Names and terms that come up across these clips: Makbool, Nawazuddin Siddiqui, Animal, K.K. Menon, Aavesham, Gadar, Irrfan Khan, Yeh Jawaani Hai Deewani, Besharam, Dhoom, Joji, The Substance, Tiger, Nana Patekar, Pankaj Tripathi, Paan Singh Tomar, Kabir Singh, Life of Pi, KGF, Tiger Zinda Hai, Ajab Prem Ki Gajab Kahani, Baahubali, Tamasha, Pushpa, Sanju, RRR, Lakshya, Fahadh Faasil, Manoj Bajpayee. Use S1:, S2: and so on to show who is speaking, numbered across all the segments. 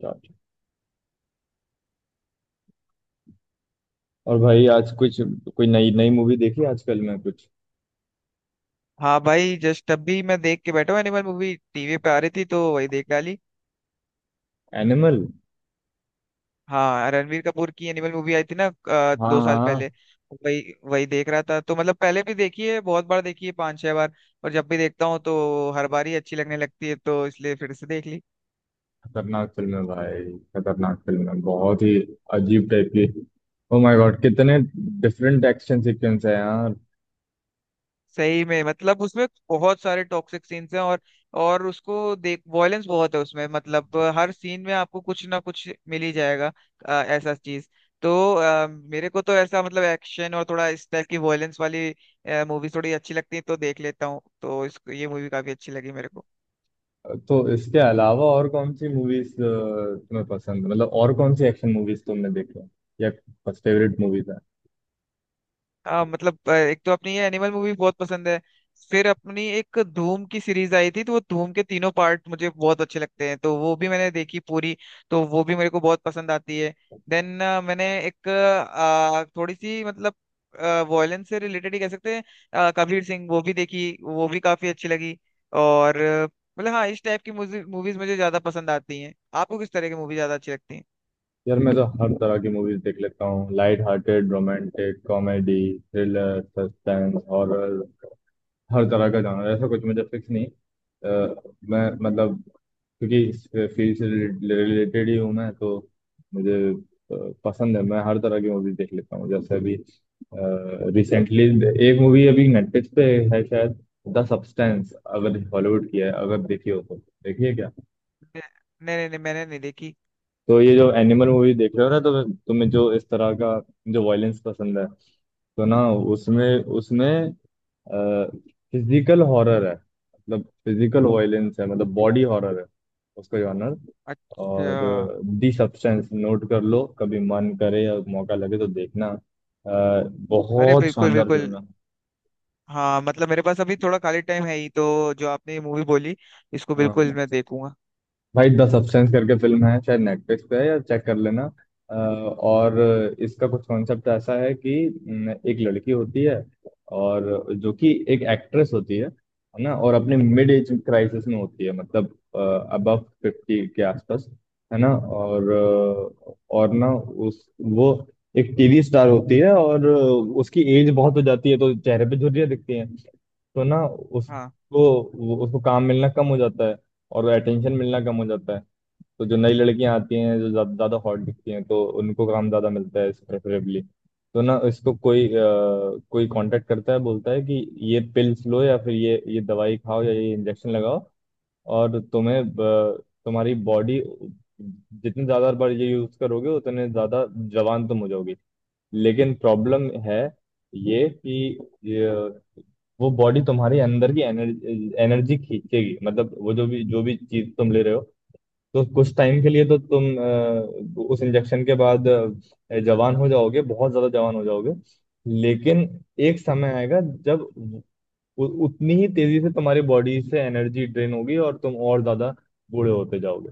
S1: Gotcha। और भाई आज कुछ, कोई नई नई मूवी देखी आजकल में कुछ?
S2: हाँ भाई, जस्ट अभी मैं देख के बैठा हूँ। एनिमल मूवी टीवी पे आ रही थी तो वही देख डाली।
S1: एनिमल।
S2: हाँ, रणवीर कपूर की एनिमल मूवी आई थी ना
S1: हाँ
S2: 2 साल
S1: हाँ।
S2: पहले। वही वही देख रहा था। तो मतलब पहले भी देखी है, बहुत बार देखी है, 5-6 बार। और जब भी देखता हूँ तो हर बार ही अच्छी लगने लगती है, तो इसलिए फिर से देख ली।
S1: खतरनाक फिल्म है भाई। खतरनाक फिल्म है बहुत ही। अजीब टाइप की। ओ माय गॉड, कितने डिफरेंट एक्शन सीक्वेंस है यार।
S2: सही में, मतलब उसमें बहुत सारे टॉक्सिक सीन्स हैं और उसको देख वॉयलेंस बहुत है उसमें। मतलब हर सीन में आपको कुछ ना कुछ मिल ही जाएगा, ऐसा चीज। तो मेरे को तो ऐसा, मतलब एक्शन और थोड़ा इस टाइप की वॉयलेंस वाली मूवी थोड़ी अच्छी लगती है तो देख लेता हूँ। तो इसको ये मूवी काफी अच्छी लगी मेरे को।
S1: तो इसके अलावा और कौन सी मूवीज तुम्हें पसंद, मतलब और कौन सी एक्शन मूवीज तुमने देखी है, या फर्स्ट फेवरेट मूवीज है?
S2: हाँ मतलब, एक तो अपनी ये एनिमल मूवी बहुत पसंद है। फिर अपनी एक धूम की सीरीज आई थी, तो वो धूम के तीनों पार्ट मुझे बहुत अच्छे लगते हैं, तो वो भी मैंने देखी पूरी। तो वो भी मेरे को बहुत पसंद आती है। देन मैंने एक थोड़ी सी मतलब वॉयलेंस से रिलेटेड ही कह सकते हैं, कबीर सिंह, वो भी देखी, वो भी काफी अच्छी लगी। और मतलब हाँ, इस टाइप की मूवीज मुझे ज्यादा पसंद आती हैं। आपको किस तरह की मूवी ज्यादा अच्छी लगती है?
S1: यार मैं तो हर तरह की मूवीज देख लेता हूँ। Light hearted, romantic, comedy, thriller, suspense, horror, हर तरह का जॉनर। ऐसा कुछ मुझे फिक्स नहीं। अ, मैं मतलब, क्योंकि इस फील्ड से रिलेटेड ही हूँ मैं तो मुझे पसंद है। मैं हर तरह की मूवीज देख लेता हूँ। जैसे अभी रिसेंटली एक मूवी अभी नेटफ्लिक्स पे है शायद, द सब्सटेंस, अगर हॉलीवुड की है, अगर देखी हो तो देखिए।
S2: नहीं नहीं नहीं, मैंने नहीं देखी।
S1: तो ये जो एनिमल मूवी देख रहे हो ना, तो तुम्हें जो इस तरह का जो वायलेंस पसंद है तो ना, उसमें उसमें फिजिकल हॉरर है, मतलब फिजिकल वायलेंस है, मतलब बॉडी हॉरर है उसका जॉनर। और
S2: अच्छा।
S1: दी सब्सटेंस नोट कर लो, कभी मन करे या मौका लगे तो देखना। अ,
S2: अरे
S1: बहुत
S2: बिल्कुल
S1: शानदार
S2: बिल्कुल।
S1: फिल्म है।
S2: हाँ मतलब, मेरे पास अभी थोड़ा खाली टाइम है ही, तो जो आपने ये मूवी बोली, इसको बिल्कुल
S1: हाँ
S2: मैं देखूंगा।
S1: भाई, द सब्सटेंस करके फिल्म है, शायद नेटफ्लिक्स पे है या चेक कर लेना। और इसका कुछ कॉन्सेप्ट ऐसा है कि न, एक लड़की होती है और जो कि एक एक्ट्रेस होती है ना, और अपने मिड एज क्राइसिस में होती है, मतलब अबव फिफ्टी के आसपास, है ना। और और ना उस वो एक टीवी स्टार होती है और उसकी एज बहुत हो जाती है तो चेहरे पे झुर्रियाँ दिखती हैं। तो ना उसको
S2: हाँ
S1: वो- उसको काम मिलना कम हो जाता है और अटेंशन मिलना कम हो जाता है। तो जो नई लड़कियां आती हैं जो ज्यादा ज्यादा हॉट दिखती हैं तो उनको काम ज्यादा मिलता है प्रेफरेबली। तो ना इसको कोई कोई कांटेक्ट करता है, बोलता है कि ये पिल्स लो या फिर ये दवाई खाओ या ये इंजेक्शन लगाओ और तुम्हारी बॉडी जितने ज्यादा बार ये यूज करोगे उतने ज्यादा जवान तुम हो जाओगी। लेकिन प्रॉब्लम है ये कि ये, वो बॉडी तुम्हारे अंदर की एनर्जी एनर्जी खींचेगी, मतलब वो जो भी चीज तुम ले रहे हो। तो कुछ टाइम के लिए तो तुम उस इंजेक्शन के बाद जवान हो जाओगे, बहुत ज्यादा जवान हो जाओगे। लेकिन एक समय आएगा जब उतनी ही तेजी से तुम्हारी बॉडी से एनर्जी ड्रेन होगी और तुम और ज्यादा बूढ़े होते जाओगे।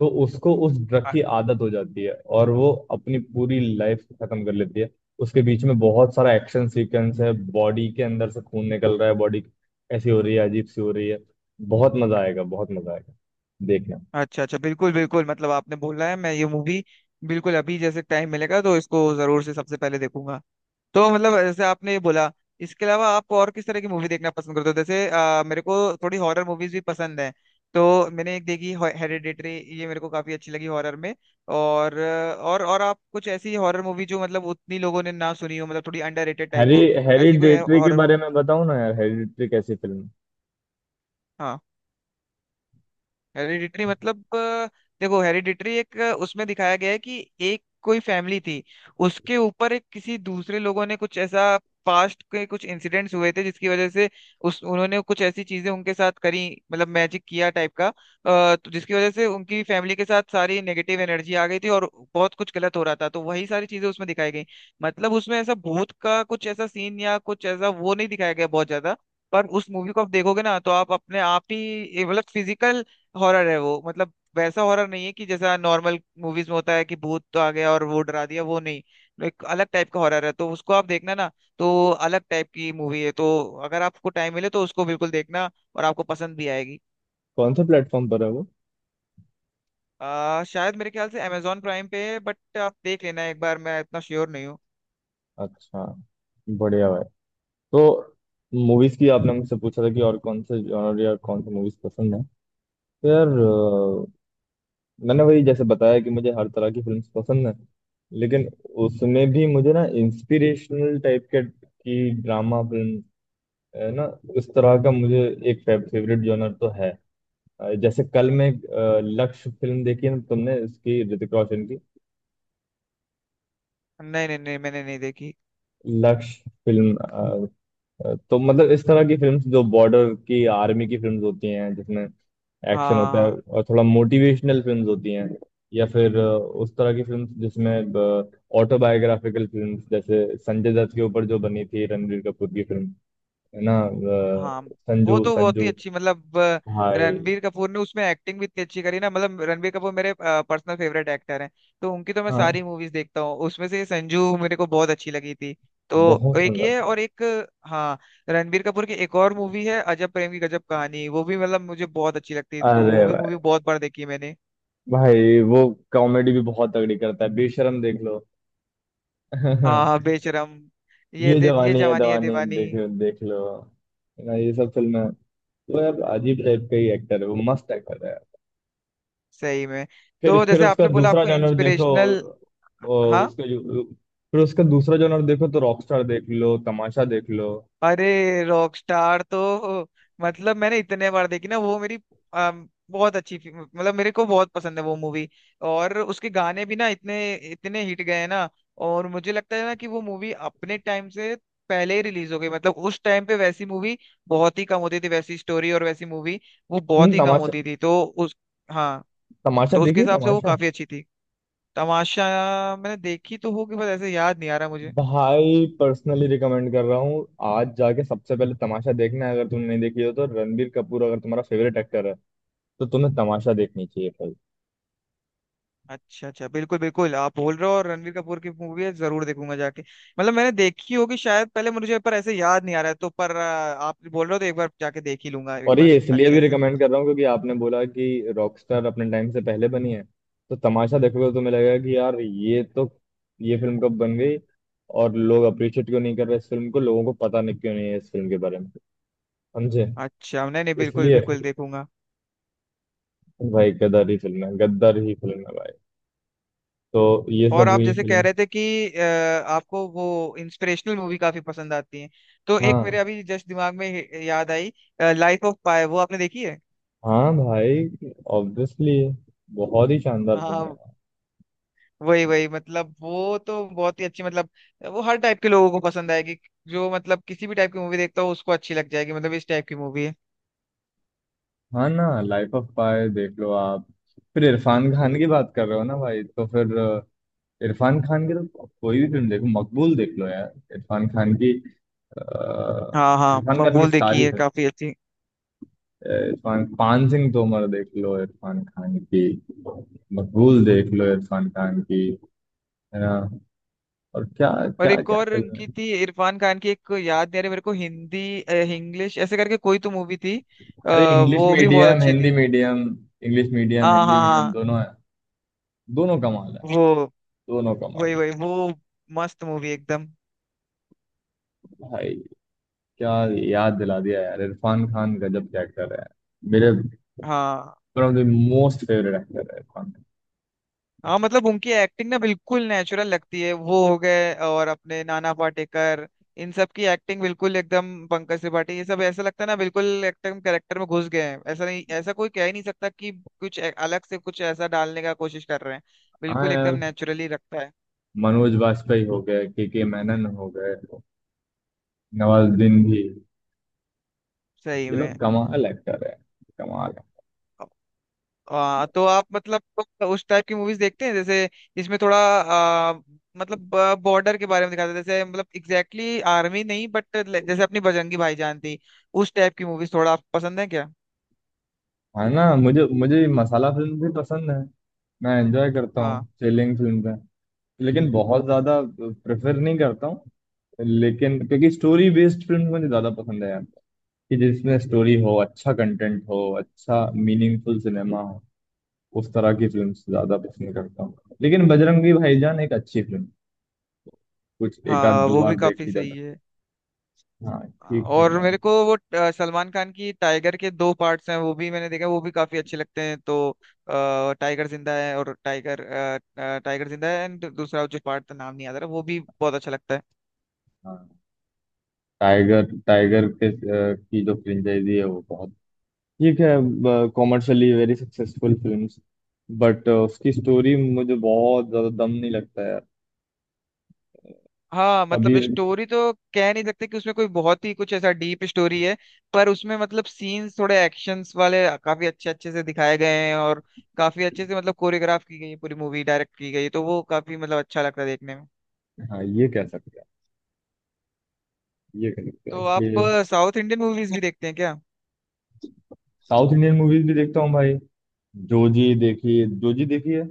S1: तो उसको उस ड्रग
S2: अ-
S1: की आदत हो जाती है और वो अपनी पूरी लाइफ खत्म कर लेती है। उसके बीच में बहुत सारा एक्शन सीक्वेंस है। बॉडी के अंदर से खून निकल रहा है, बॉडी ऐसी हो रही है, अजीब सी हो रही है। बहुत मजा आएगा, बहुत मजा आएगा, देखना।
S2: अच्छा अच्छा बिल्कुल बिल्कुल, मतलब आपने बोला है, मैं ये मूवी बिल्कुल अभी जैसे टाइम मिलेगा तो इसको जरूर से सबसे पहले देखूंगा। तो मतलब जैसे आपने ये बोला, इसके अलावा आप और किस तरह की मूवी देखना पसंद करते हो? जैसे मेरे को थोड़ी हॉरर मूवीज भी पसंद है। तो मैंने एक देखी, हेरेडिटरी। ये मेरे को काफी अच्छी लगी हॉरर में। और और आप कुछ ऐसी हॉरर मूवी जो मतलब उतनी लोगों ने ना सुनी हो, मतलब थोड़ी अंडररेटेड टाइप
S1: हैरी,
S2: हो। ऐसी कोई
S1: हेरिडेटरी के
S2: हॉरर
S1: बारे
S2: मूवी।
S1: में बताओ ना यार, हेरिडेटरी कैसी फिल्म है?
S2: हाँ, हेरिडिटरी मतलब देखो, हेरिडिटरी एक उसमें दिखाया गया है कि एक कोई फैमिली थी। उसके ऊपर एक किसी दूसरे लोगों ने कुछ ऐसा, पास्ट के कुछ इंसिडेंट्स हुए थे जिसकी वजह से उस उन्होंने कुछ ऐसी चीजें उनके साथ करी। मतलब मैजिक किया टाइप का, तो जिसकी वजह से उनकी फैमिली के साथ सारी नेगेटिव एनर्जी आ गई थी और बहुत कुछ गलत हो रहा था, तो वही सारी चीजें उसमें दिखाई गई। मतलब उसमें ऐसा भूत का कुछ ऐसा सीन या कुछ ऐसा वो नहीं दिखाया गया बहुत ज्यादा। पर उस मूवी को आप देखोगे ना, तो आप अपने आप ही, ये मतलब फिजिकल हॉरर है वो। मतलब वैसा हॉरर नहीं है कि जैसा नॉर्मल मूवीज में होता है कि भूत तो आ गया और वो डरा दिया, वो नहीं। एक अलग टाइप का हॉरर है, तो उसको आप देखना ना। तो अलग टाइप की मूवी है, तो अगर आपको टाइम मिले तो उसको बिल्कुल देखना, और आपको पसंद भी आएगी।
S1: कौन से प्लेटफॉर्म पर है वो?
S2: शायद मेरे ख्याल से अमेजोन प्राइम पे है, बट आप देख लेना एक बार, मैं इतना श्योर नहीं हूँ।
S1: अच्छा, बढ़िया भाई। तो मूवीज की आपने मुझसे पूछा था कि और कौन से जॉनर या कौन से मूवीज पसंद है, तो यार मैंने वही जैसे बताया कि मुझे हर तरह की फिल्म्स पसंद है। लेकिन उसमें भी मुझे ना इंस्पिरेशनल टाइप के की ड्रामा फिल्म, है ना, उस तरह का मुझे एक फेवरेट जॉनर तो है। जैसे कल मैं लक्ष्य फिल्म देखी ना तुमने, इसकी ऋतिक रोशन की
S2: नहीं नहीं नहीं, मैंने नहीं देखी।
S1: लक्ष्य फिल्म। तो मतलब इस तरह की फिल्म्स जो बॉर्डर की, आर्मी की फिल्म्स होती हैं जिसमें
S2: हाँ
S1: एक्शन होता
S2: हाँ,
S1: है
S2: हाँ।
S1: और थोड़ा मोटिवेशनल फिल्म्स होती हैं। या फिर उस तरह की फिल्म्स जिसमें ऑटोबायोग्राफिकल फिल्म्स, जैसे संजय दत्त के ऊपर जो बनी थी रणबीर कपूर की फिल्म, है ना,
S2: हाँ, वो
S1: संजू,
S2: तो बहुत ही
S1: संजू
S2: अच्छी, मतलब
S1: भाई।
S2: रणबीर कपूर ने उसमें एक्टिंग भी इतनी अच्छी करी ना, मतलब रणबीर कपूर मेरे पर्सनल फेवरेट एक्टर हैं। तो उनकी तो मैं
S1: हाँ,
S2: सारी मूवीज देखता हूँ, उसमें से संजू मेरे को बहुत अच्छी लगी थी। तो
S1: बहुत
S2: एक
S1: सुंदर
S2: ये
S1: फिल्म।
S2: और एक हाँ। रणबीर कपूर की एक और मूवी है, अजब प्रेम की गजब कहानी, वो भी मतलब मुझे बहुत अच्छी लगती है, तो वो
S1: अरे
S2: भी मूवी
S1: भाई,
S2: बहुत बार देखी है मैंने।
S1: भाई वो कॉमेडी भी बहुत तगड़ी करता है, बेशरम देख लो।
S2: हाँ हाँ, बेशरम।
S1: ये
S2: ये
S1: जवानी है
S2: जवानी है
S1: दवानी
S2: दीवानी।
S1: देख, देख लो ना, ये सब फिल्में। वो यार अजीब टाइप का ही एक्टर है, वो मस्त एक्टर है।
S2: सही में। तो
S1: फिर
S2: जैसे
S1: उसका
S2: आपने बोला
S1: दूसरा
S2: आपको
S1: जॉनर देखो।
S2: इंस्पिरेशनल।
S1: उसका जो फिर उसका दूसरा जॉनर देखो तो रॉकस्टार देख लो, तमाशा देख लो।
S2: अरे, रॉकस्टार तो मतलब मैंने इतने बार देखी ना, वो मेरी बहुत अच्छी मतलब मेरे को बहुत पसंद है वो मूवी। और उसके गाने भी ना, इतने इतने हिट गए हैं ना। और मुझे लगता है ना कि वो मूवी अपने टाइम से पहले ही रिलीज हो गई। मतलब उस टाइम पे वैसी मूवी बहुत ही कम होती थी, वैसी स्टोरी और वैसी मूवी, वो
S1: तुमने
S2: बहुत ही कम
S1: तमाशा,
S2: होती थी, तो उस। हाँ,
S1: तमाशा
S2: तो
S1: देखी
S2: उसके
S1: है
S2: हिसाब से वो
S1: तमाशा?
S2: काफी अच्छी थी। तमाशा। मैंने देखी तो होगी, बस ऐसे याद नहीं आ रहा।
S1: भाई पर्सनली रिकमेंड कर रहा हूँ। आज जाके सबसे पहले तमाशा देखना है, अगर तुमने नहीं देखी हो तो। रणबीर कपूर अगर तुम्हारा फेवरेट एक्टर है तो तुम्हें तमाशा देखनी चाहिए।
S2: अच्छा अच्छा बिल्कुल बिल्कुल, आप बोल रहे हो और रणवीर कपूर की मूवी है, जरूर देखूंगा जाके। मतलब मैंने देखी होगी शायद पहले मुझे, पर ऐसे याद नहीं आ रहा है, तो पर आप बोल रहे हो तो एक बार जाके देख ही लूंगा एक
S1: और
S2: बार
S1: ये इसलिए भी
S2: अच्छे से।
S1: रिकमेंड कर रहा हूँ क्योंकि आपने बोला कि रॉकस्टार अपने टाइम से पहले बनी है। तो तमाशा देखोगे तो तुम्हें लगेगा कि यार ये तो, ये फिल्म कब बन गई, और लोग अप्रिशिएट क्यों नहीं कर रहे इस फिल्म को, लोगों को पता नहीं क्यों नहीं है इस फिल्म के बारे में, समझे?
S2: अच्छा नहीं नहीं, बिल्कुल
S1: इसलिए
S2: बिल्कुल देखूंगा।
S1: भाई गदर ही फिल्म है, गद्दार ही फिल्म है भाई। तो ये सब
S2: और आप
S1: हुई
S2: जैसे कह
S1: फिल्म।
S2: रहे थे कि आपको वो इंस्पिरेशनल मूवी काफी पसंद आती है। तो एक मेरे
S1: हाँ
S2: अभी जस्ट दिमाग में याद आई, लाइफ ऑफ पाई, वो आपने देखी है?
S1: हाँ भाई, ऑब्वियसली, बहुत ही शानदार फिल्म
S2: हाँ,
S1: है।
S2: वही वही मतलब वो तो बहुत ही अच्छी, मतलब वो हर टाइप के लोगों को पसंद आएगी। जो मतलब किसी भी टाइप की मूवी देखता हो, उसको अच्छी लग जाएगी, मतलब इस टाइप की मूवी है।
S1: हाँ ना, लाइफ ऑफ पाई देख लो आप। फिर इरफान खान की बात कर रहे हो ना भाई, तो फिर इरफान खान की तो कोई भी फिल्म देखो, मकबूल देख लो यार इरफान खान की। अ,
S2: हाँ हाँ,
S1: इरफान खान की
S2: मकबूल देखी
S1: सारी
S2: है,
S1: फिल्म।
S2: काफी अच्छी।
S1: इरफान, पान सिंह तोमर देख लो इरफान खान की, मकबूल देख लो इरफान खान की, है ना। और क्या?
S2: और
S1: क्या
S2: एक
S1: क्या
S2: और
S1: फिल्म है?
S2: उनकी थी इरफान खान की, एक याद नहीं आ रही मेरे को, हिंदी इंग्लिश ऐसे करके कोई तो मूवी थी।
S1: अरे इंग्लिश
S2: वो भी बहुत
S1: मीडियम,
S2: अच्छी
S1: हिंदी
S2: थी।
S1: मीडियम। इंग्लिश मीडियम
S2: हाँ
S1: हिंदी
S2: हाँ
S1: मीडियम
S2: हाँ।
S1: दोनों है, दोनों कमाल है,
S2: वो।
S1: दोनों कमाल
S2: वही
S1: है
S2: वही वो। मस्त मूवी एकदम।
S1: भाई। क्या याद दिला दिया यार, इरफान खान गजब के एक्टर है मेरे
S2: हाँ।
S1: One of the most favourite actor है इरफान खान।
S2: हाँ, मतलब उनकी एक्टिंग ना बिल्कुल नेचुरल लगती है, वो हो गए और अपने नाना पाटेकर। इन सब की एक्टिंग बिल्कुल एकदम, पंकज त्रिपाठी, ये सब ऐसा लगता है ना, बिल्कुल एकदम कैरेक्टर में घुस गए हैं, ऐसा नहीं ऐसा कोई कह ही नहीं सकता कि कुछ अलग से कुछ ऐसा डालने का कोशिश कर रहे हैं।
S1: हाँ
S2: बिल्कुल एकदम
S1: यार,
S2: नेचुरली रखता है।
S1: मनोज वाजपेयी हो गए, K K मेनन हो गए, नवाजुद्दीन भी,
S2: सही
S1: ये
S2: में।
S1: लोग कमाल एक्टर है, कमाल।
S2: तो आप मतलब तो उस टाइप की मूवीज देखते हैं जैसे, इसमें थोड़ा मतलब बॉर्डर के बारे में दिखाते हैं, जैसे मतलब एग्जैक्टली आर्मी नहीं बट जैसे अपनी बजरंगी भाईजान थी। उस टाइप की मूवीज थोड़ा आपको पसंद है क्या?
S1: है ना, मुझे मुझे मसाला फिल्म भी पसंद है, मैं एंजॉय करता हूँ।
S2: हाँ
S1: चिलिंग फिल्म है, लेकिन बहुत ज्यादा प्रेफर नहीं करता हूँ। लेकिन क्योंकि स्टोरी बेस्ड फिल्म मुझे ज्यादा पसंद है यार, कि जिसमें स्टोरी हो, अच्छा कंटेंट हो, अच्छा मीनिंगफुल सिनेमा हो, उस तरह की फिल्म ज्यादा पसंद करता हूँ। लेकिन बजरंगी भाईजान एक अच्छी फिल्म, कुछ एक आध
S2: हाँ,
S1: दो
S2: वो भी
S1: बार देख
S2: काफी
S1: ली जा
S2: सही
S1: सकती
S2: है।
S1: है। हाँ, ठीक है।
S2: और मेरे को वो सलमान खान की टाइगर के 2 पार्ट्स हैं, वो भी मैंने देखा, वो भी काफी अच्छे लगते हैं, तो टाइगर जिंदा है और टाइगर जिंदा है एंड दूसरा जो पार्ट का नाम नहीं याद आ रहा, वो भी बहुत अच्छा लगता है।
S1: हाँ, टाइगर, टाइगर के की जो फ्रेंचाइजी है वो बहुत ठीक है, commercially very successful films. But उसकी स्टोरी मुझे बहुत ज्यादा दम नहीं लगता है।
S2: हाँ मतलब,
S1: कबीर।
S2: स्टोरी तो कह नहीं सकते कि उसमें कोई बहुत ही कुछ ऐसा डीप स्टोरी है। पर उसमें मतलब सीन्स थोड़े एक्शंस वाले काफी अच्छे अच्छे से दिखाए गए हैं, और काफी अच्छे से मतलब कोरियोग्राफ की गई है, पूरी मूवी डायरेक्ट की गई है, तो वो काफी मतलब अच्छा लगता है देखने में।
S1: हाँ, ये कह सकते हैं, ये कह सकते हैं
S2: तो आप
S1: इसलिए।
S2: साउथ इंडियन मूवीज भी देखते हैं क्या?
S1: साउथ इंडियन मूवीज भी देखता हूँ भाई। जोजी देखी, जोजी देखी है?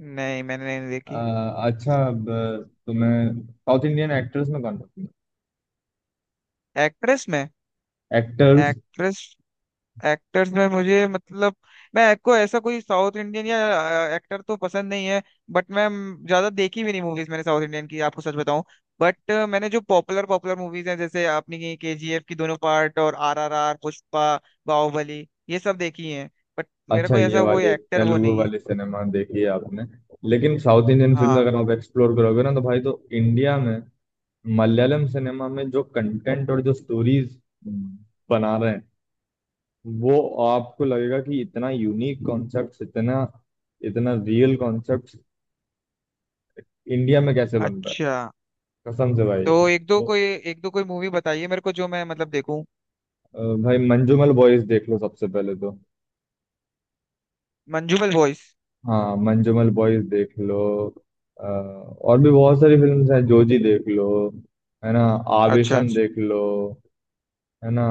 S2: नहीं, मैंने नहीं
S1: अ,
S2: देखी।
S1: अच्छा, तुम्हें साउथ इंडियन एक्टर्स में कौन पसंद
S2: एक्ट्रेस में?
S1: है? एक्टर्स।
S2: एक्ट्रेस। एक्टर्स में मुझे मतलब, मैं को ऐसा कोई साउथ इंडियन या एक्टर तो पसंद नहीं है, बट मैं ज्यादा देखी भी नहीं मूवीज मैंने साउथ इंडियन की, आपको सच बताऊं। बट मैंने जो पॉपुलर पॉपुलर मूवीज हैं, जैसे आपने KGF की दोनों पार्ट और RRR, पुष्पा, बाहुबली, ये सब देखी हैं। बट मेरा
S1: अच्छा,
S2: कोई
S1: ये
S2: ऐसा कोई
S1: वाली
S2: एक्टर वो
S1: तेलुगु
S2: नहीं है।
S1: वाली सिनेमा देखी है आपने। लेकिन साउथ इंडियन फिल्म
S2: हाँ।
S1: अगर आप एक्सप्लोर करोगे ना तो भाई, तो इंडिया में मलयालम सिनेमा में जो कंटेंट और जो स्टोरीज बना रहे हैं, वो आपको लगेगा कि इतना यूनिक कॉन्सेप्ट, इतना इतना रियल कॉन्सेप्ट इंडिया में कैसे बन रहा
S2: अच्छा।
S1: है। कसम से भाई।
S2: तो
S1: वो,
S2: एक दो कोई मूवी बताइए मेरे को जो मैं मतलब देखूं।
S1: भाई मंजूमल बॉयज देख लो सबसे पहले तो।
S2: मंजूबल बॉयज।
S1: हाँ, मंजूमल बॉयज देख लो। और भी बहुत सारी फिल्म्स हैं। जोजी देख लो, है ना,
S2: अच्छा
S1: आवेशम
S2: अच्छा।
S1: देख लो, है ना।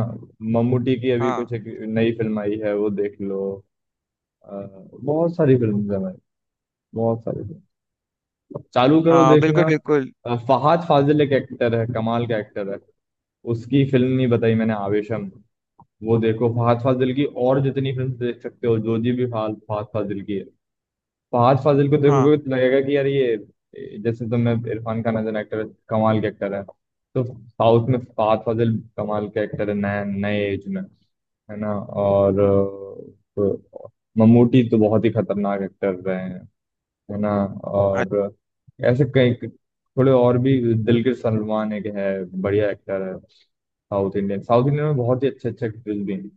S1: मम्मूटी की अभी
S2: हाँ
S1: कुछ एक नई फिल्म आई है वो देख लो। अ, बहुत सारी फिल्म्स हैं भाई, बहुत सारी फिल्म, चालू करो
S2: हाँ
S1: देखना।
S2: बिल्कुल बिल्कुल।
S1: फहाद फाजिल एक एक्टर है, कमाल का एक्टर है। उसकी फिल्म नहीं बताई मैंने, आवेशम, वो देखो फहाद फाजिल की, और जितनी फिल्म देख सकते हो। जोजी भी फहाद फहाद फाजिल की है। फहाद फाजिल को
S2: हाँ।
S1: देखोगे तो लगेगा कि यार ये, जैसे तुमने Irrfan Khan as an actor, कमाल के एक्टर है, तो साउथ में फहाद फाजिल कमाल के एक्टर है नए नए एज में, है ना। और तो ममूटी तो बहुत ही खतरनाक एक्टर रहे हैं, है ना। और ऐसे कई थोड़े और भी, दिलकर सलमान एक है, बढ़िया एक्टर है। साउथ इंडियन में बहुत ही अच्छे अच्छे एक्टर्स भी हैं।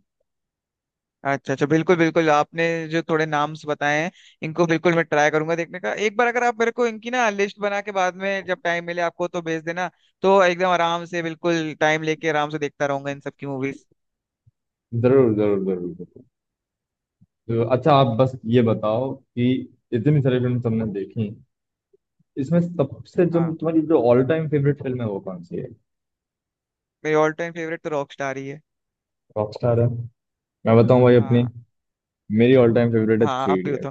S2: अच्छा अच्छा बिल्कुल बिल्कुल, आपने जो थोड़े नाम्स बताए हैं, इनको बिल्कुल मैं ट्राई करूंगा देखने का एक बार। अगर आप मेरे को इनकी ना लिस्ट बना के बाद में जब टाइम मिले आपको, तो भेज देना। तो एकदम आराम से बिल्कुल टाइम लेके आराम से देखता रहूंगा इन सब की मूवीज।
S1: जरूर जरूर जरूर जरूर। तो अच्छा आप बस ये बताओ कि इतनी सारी फिल्म तुमने देखी, इसमें सबसे जो
S2: हाँ,
S1: तुम्हारी जो ऑल टाइम फेवरेट फिल्म है वो कौन सी है?
S2: मेरी ऑल टाइम फेवरेट तो रॉक स्टार ही है।
S1: रॉकस्टार है। मैं बताऊं भाई अपनी,
S2: हाँ
S1: मेरी ऑल टाइम फेवरेट है
S2: हाँ,
S1: थ्री
S2: आप भी हो
S1: इडियट।
S2: तो।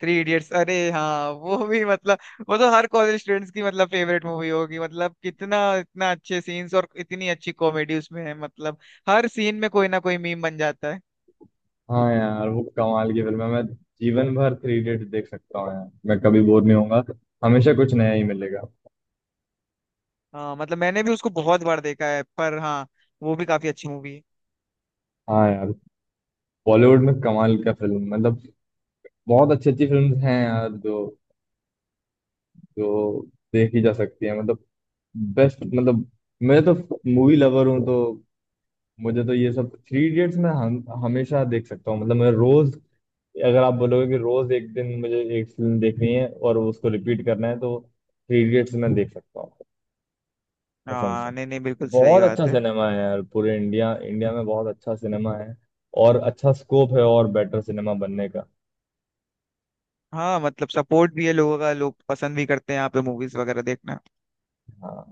S2: थ्री इडियट्स, अरे हाँ, वो भी मतलब वो तो हर कॉलेज स्टूडेंट्स की मतलब फेवरेट मूवी होगी। मतलब कितना इतना अच्छे सीन्स और इतनी अच्छी कॉमेडी उसमें है, मतलब हर सीन में कोई ना कोई मीम बन जाता है।
S1: हाँ यार वो कमाल की फिल्म है। मैं जीवन भर थ्री इडियट देख सकता हूँ यार, मैं कभी बोर नहीं होऊंगा, हमेशा कुछ नया ही मिलेगा।
S2: हाँ मतलब, मैंने भी उसको बहुत बार देखा है, पर हाँ वो भी काफी अच्छी मूवी है।
S1: हाँ यार, बॉलीवुड में कमाल का फिल्म, मतलब बहुत अच्छी अच्छी फिल्म हैं यार, जो जो देखी जा सकती है, मतलब बेस्ट। मतलब मैं तो मूवी लवर हूँ, तो मुझे तो ये सब थ्री इडियट्स मैं हमेशा देख सकता हूँ। मतलब मैं रोज, अगर आप बोलोगे कि रोज एक दिन मुझे एक फिल्म देखनी है और उसको रिपीट करना है तो थ्री इडियट्स मैं देख सकता हूँ। कसम से,
S2: हाँ, नहीं नहीं, बिल्कुल सही
S1: बहुत अच्छा
S2: बात है।
S1: सिनेमा है यार। पूरे इंडिया इंडिया में बहुत अच्छा सिनेमा है और अच्छा स्कोप है और बेटर सिनेमा बनने का।
S2: हाँ मतलब, सपोर्ट भी है लोगों का, लोग पसंद भी करते हैं यहाँ पे मूवीज वगैरह देखना।
S1: हाँ